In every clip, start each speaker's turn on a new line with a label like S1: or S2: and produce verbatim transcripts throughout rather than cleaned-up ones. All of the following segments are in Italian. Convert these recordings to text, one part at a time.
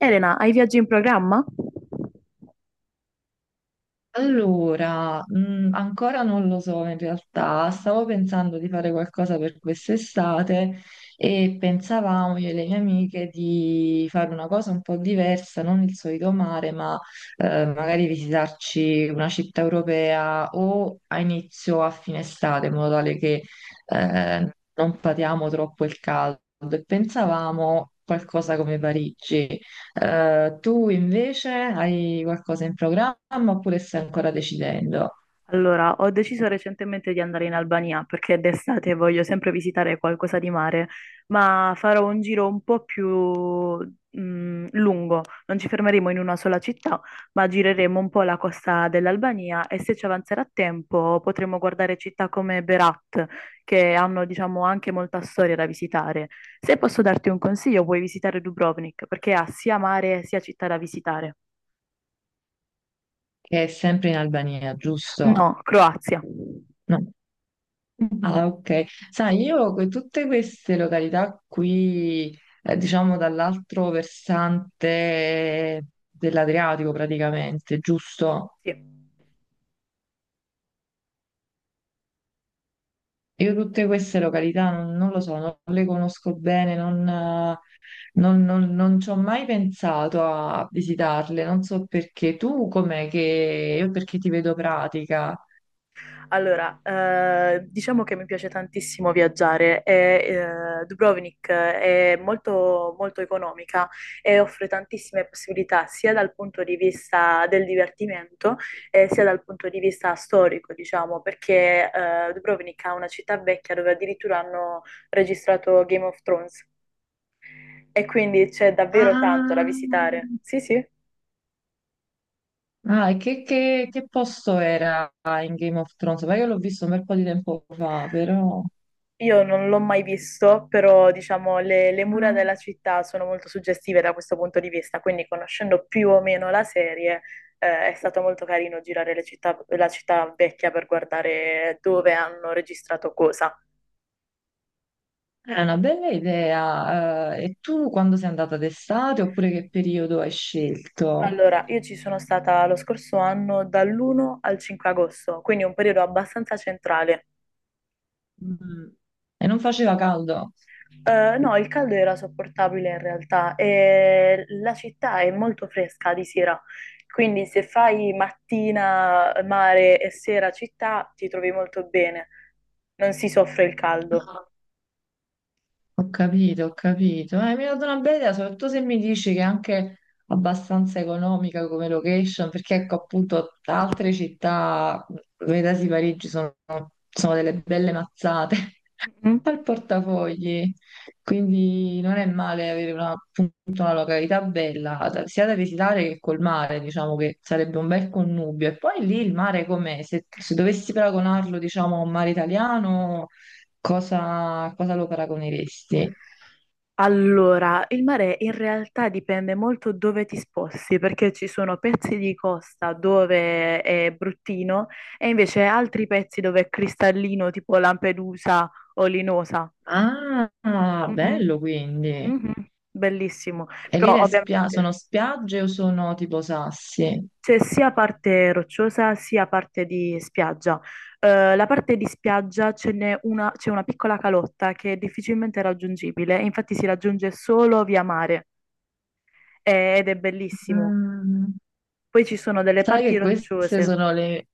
S1: Elena, hai viaggi in programma?
S2: Allora, mh, ancora non lo so in realtà. Stavo pensando di fare qualcosa per quest'estate e pensavamo io e le mie amiche di fare una cosa un po' diversa, non il solito mare, ma eh, magari visitarci una città europea o a inizio o a fine estate, in modo tale che eh, non patiamo troppo il caldo. E pensavamo qualcosa come Parigi. Eh, tu invece hai qualcosa in programma oppure stai ancora decidendo?
S1: Allora, ho deciso recentemente di andare in Albania perché d'estate voglio sempre visitare qualcosa di mare, ma farò un giro un po' più mm, lungo. Non ci fermeremo in una sola città, ma gireremo un po' la costa dell'Albania e se ci avanzerà tempo potremo guardare città come Berat, che hanno, diciamo, anche molta storia da visitare. Se posso darti un consiglio, puoi visitare Dubrovnik perché ha sia mare sia città da visitare.
S2: Che è sempre in Albania,
S1: No,
S2: giusto?
S1: Croazia.
S2: No. Ah, ok. Sai, io que- tutte queste località qui, eh, diciamo dall'altro versante dell'Adriatico praticamente, giusto?
S1: Sì.
S2: Io tutte queste località non, non lo so, non le conosco bene, non, eh, non- non- non ci ho mai pensato a visitarle, non so perché. Tu com'è che... Io perché ti vedo pratica.
S1: Allora, eh, diciamo che mi piace tantissimo viaggiare e eh, Dubrovnik è molto, molto economica e offre tantissime possibilità sia dal punto di vista del divertimento, eh, sia dal punto di vista storico, diciamo, perché eh, Dubrovnik ha una città vecchia dove addirittura hanno registrato Game of Thrones, e quindi c'è davvero tanto da
S2: Ah,
S1: visitare. Sì, sì.
S2: ah, e che, che- che posto era in Game of Thrones? Ma io l'ho visto un bel po' di tempo fa, però...
S1: Io non l'ho mai visto, però diciamo le, le mura
S2: Ah.
S1: della città sono molto suggestive da questo punto di vista, quindi conoscendo più o meno la serie, eh, è stato molto carino girare le città- la città vecchia per guardare dove hanno registrato cosa.
S2: È una bella idea. Eh, e tu quando sei andata, d'estate, oppure che periodo hai scelto?
S1: Allora, io ci sono stata lo scorso anno dall'primo al cinque agosto, quindi un periodo abbastanza centrale.
S2: Mm. E non faceva caldo?
S1: Eh, no, il caldo era sopportabile in realtà e la città è molto fresca di sera, quindi se fai mattina mare e sera città ti trovi molto bene, non si soffre il caldo.
S2: Ho capito, ho capito. Eh, mi ha dato una bella idea, soprattutto se mi dici che è anche abbastanza economica come location, perché ecco appunto altre città, vedasi Parigi, sono, sono delle belle mazzate
S1: Mhm.
S2: al portafogli. Quindi non è male avere una, appunto, una località bella, da- sia da visitare che col mare, diciamo che sarebbe un bel connubio. E poi lì il mare com'è? Se, se dovessi paragonarlo, diciamo, a un mare italiano, Cosa, cosa lo paragoneresti?
S1: Allora, il mare in realtà dipende molto dove ti sposti, perché ci sono pezzi di costa dove è bruttino e invece altri pezzi dove è cristallino, tipo Lampedusa o Linosa.
S2: Ah,
S1: Mhm.
S2: bello quindi.
S1: Mhm. Bellissimo,
S2: E lì
S1: però
S2: le spia- sono
S1: ovviamente
S2: spiagge o sono tipo sassi?
S1: c'è sia parte rocciosa sia parte di spiaggia. Eh, la parte di spiaggia ce n'è una, c'è una piccola calotta che è difficilmente raggiungibile, infatti si raggiunge solo via mare, eh, ed è bellissimo.
S2: Mm.
S1: Poi ci sono delle
S2: Sai
S1: parti
S2: che queste
S1: rocciose.
S2: sono le...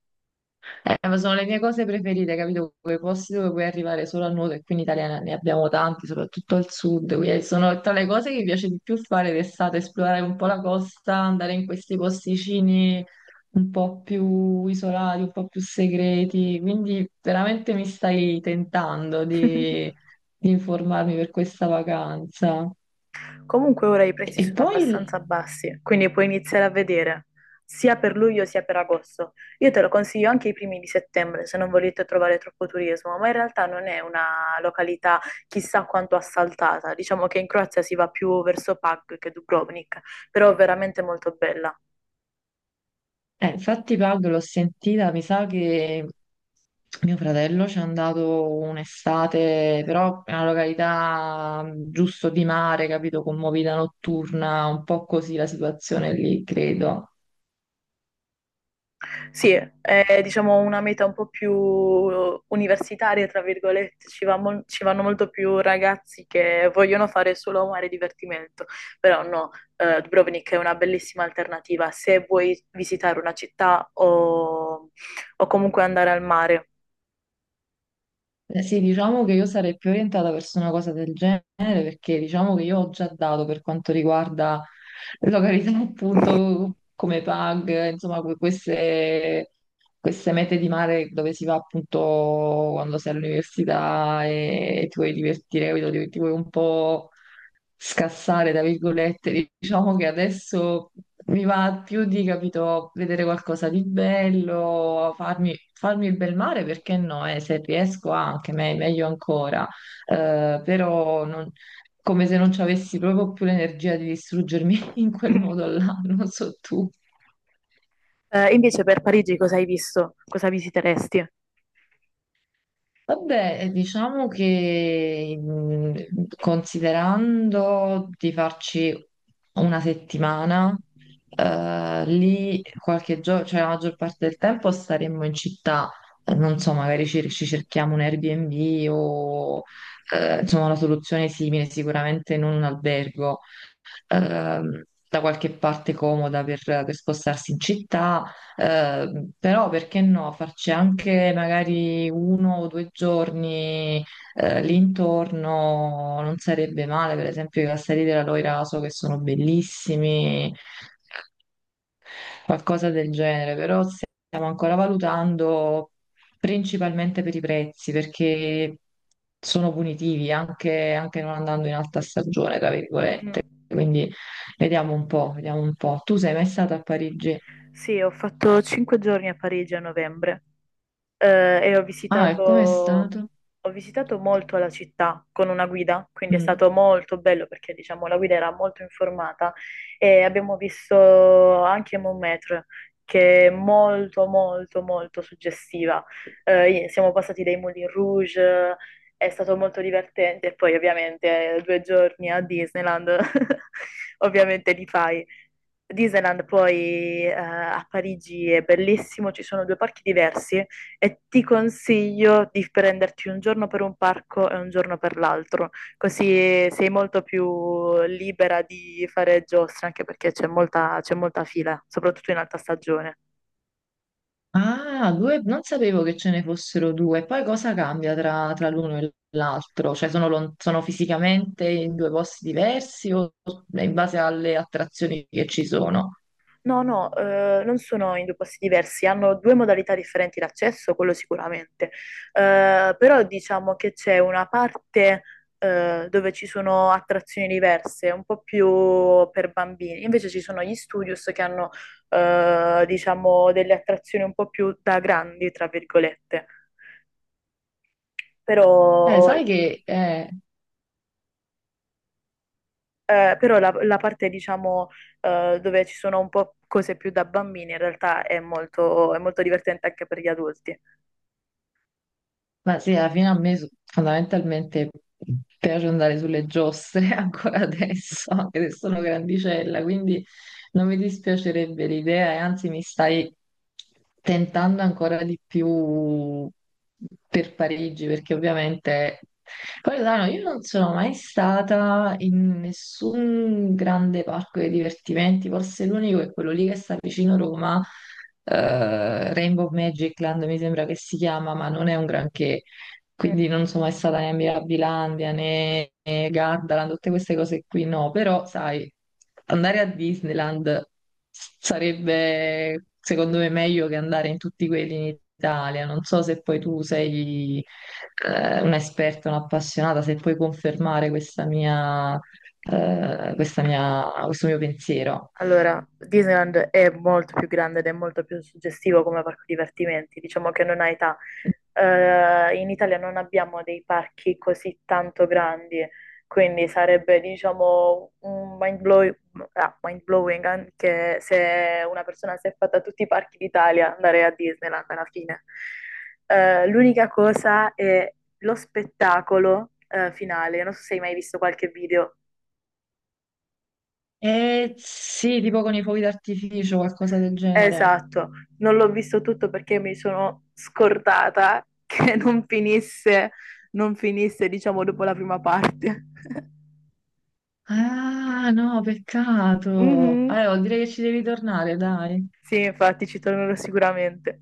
S2: Eh, ma sono le mie cose preferite, capito? Quei posti dove puoi arrivare solo a nuoto, e qui in Italia ne abbiamo tanti, soprattutto al sud. Quindi sono tra le cose che mi piace di più fare d'estate, esplorare un po' la costa, andare in questi posticini un po' più isolati, un po' più segreti. Quindi veramente mi stai tentando di, di informarmi per questa vacanza.
S1: Comunque ora i
S2: E
S1: prezzi
S2: e
S1: sono
S2: poi...
S1: abbastanza bassi, quindi puoi iniziare a vedere sia per luglio sia per agosto. Io te lo consiglio anche i primi di settembre se non volete trovare troppo turismo, ma in realtà non è una località chissà quanto assaltata. Diciamo che in Croazia si va più verso Pag che Dubrovnik, però è veramente molto bella.
S2: Eh, infatti Paolo l'ho sentita, mi sa che mio fratello ci è andato un'estate, però è una località mh, giusto di mare, capito, con movida notturna, un po' così la situazione lì, credo.
S1: Sì, è diciamo una meta un po' più universitaria, tra virgolette, ci va mol- ci vanno molto più ragazzi che vogliono fare solo mare e divertimento, però no, eh, Dubrovnik è una bellissima alternativa se vuoi visitare una città o, o comunque andare al mare.
S2: Eh, Sì, diciamo che io sarei più orientata verso una cosa del genere, perché diciamo che io ho già dato per quanto riguarda località appunto come PAG, insomma que- queste, queste mete di mare dove si va appunto quando sei all'università e, e ti vuoi divertire, capito? Ti, ti vuoi un po' scassare, tra virgolette. Diciamo che adesso mi va più di, capito, vedere qualcosa di bello, farmi, farmi il bel mare, perché no, eh, se riesco anche, me- meglio ancora. Eh, però non- come se non ci avessi proprio più l'energia di distruggermi in quel modo là, non so tu.
S1: Eh, invece per Parigi cosa hai visto? Cosa visiteresti?
S2: Vabbè, eh, diciamo che, mh, considerando di farci una settimana, eh, lì qualche giorno, cioè la maggior parte del tempo staremmo in città. Eh, non so, magari ci, ci cerchiamo un Airbnb o eh, insomma una soluzione simile, sicuramente non un albergo, ehm, da qualche parte comoda per, per spostarsi in città, ehm, però perché no, farci anche magari uno o due giorni eh, lì intorno, non sarebbe male, per esempio i castelli della Loira so che sono bellissimi, qualcosa del genere, però stiamo ancora valutando, principalmente per i prezzi, perché sono punitivi anche, anche non andando in alta stagione, tra
S1: Mm-mm.
S2: virgolette. Quindi vediamo un po', vediamo un po'. Tu sei mai stato a Parigi?
S1: Sì, ho fatto cinque giorni a Parigi a novembre. Eh, e ho
S2: Ah, e
S1: visitato,
S2: com'è stato?
S1: ho visitato molto la città con una guida, quindi è
S2: Mm.
S1: stato molto bello perché diciamo la guida era molto informata e abbiamo visto anche Montmartre, che è molto molto molto suggestiva. Eh, siamo passati dai Moulin Rouge, è stato molto divertente e poi ovviamente eh, due giorni a Disneyland ovviamente li fai. Disneyland poi eh, a Parigi è bellissimo, ci sono due parchi diversi e ti consiglio di prenderti un giorno per un parco e un giorno per l'altro, così sei molto più libera di fare giostre, anche perché c'è molta, c'è molta fila, soprattutto in alta stagione.
S2: Ah, due, non sapevo che ce ne fossero due. Poi cosa cambia tra, tra l'uno e l'altro? Cioè sono, lon- sono fisicamente in due posti diversi o in base alle attrazioni che ci sono?
S1: No, no, eh, non sono in due posti diversi, hanno due modalità differenti di accesso, quello sicuramente. Eh, però diciamo che c'è una parte eh, dove ci sono attrazioni diverse, un po' più per bambini, invece ci sono gli studios che hanno, eh, diciamo, delle attrazioni un po' più da grandi, tra virgolette, però,
S2: Eh, sai che... eh,
S1: eh, però la, la parte diciamo, eh, dove ci sono un po' cose più da bambini in realtà è molto, è molto divertente anche per gli adulti.
S2: ma sì, alla fine a me su- fondamentalmente piace andare sulle giostre ancora adesso, anche se sono grandicella, quindi... Non mi dispiacerebbe l'idea e anzi mi stai tentando ancora di più per Parigi, perché ovviamente... Poi, Milano, io non sono mai stata in nessun grande parco dei divertimenti, forse l'unico è quello lì che sta vicino Roma, eh, Rainbow Magic Land mi sembra che si chiama, ma non è un granché.
S1: Mm.
S2: Quindi non sono mai stata né a Mirabilandia né né Gardaland, tutte queste cose qui, no, però sai, andare a Disneyland sarebbe secondo me meglio che andare in tutti quelli in Italia. Non so se poi tu sei eh, un'esperta, un'appassionata, se puoi confermare questa mia, eh, questa mia- questo mio pensiero.
S1: Allora, Disneyland è molto più grande ed è molto più suggestivo come parco divertimenti, diciamo che non ha età. Eh, in Italia non abbiamo dei parchi così tanto grandi, quindi sarebbe, diciamo, un mind blowing, ah, mind blowing anche se una persona si è fatta tutti i parchi d'Italia andare a Disneyland alla fine. Eh, l'unica cosa è lo spettacolo, eh, finale. Non so se hai mai visto qualche video.
S2: Eh, sì, tipo con i fuochi d'artificio, qualcosa del genere.
S1: Esatto, non l'ho visto tutto perché mi sono scordata che non finisse, non finisse, diciamo, dopo la prima parte.
S2: Ah, no, peccato.
S1: Mhm.
S2: Allora, direi che ci devi tornare, dai.
S1: Sì, infatti ci tornerò sicuramente.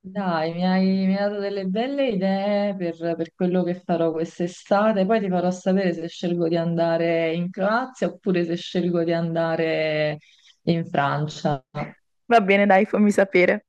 S2: Dai, mi hai, mi hai dato delle belle idee per, per quello che farò quest'estate. Poi ti farò sapere se scelgo di andare in Croazia oppure se scelgo di andare in Francia.
S1: Va bene, dai, fammi sapere.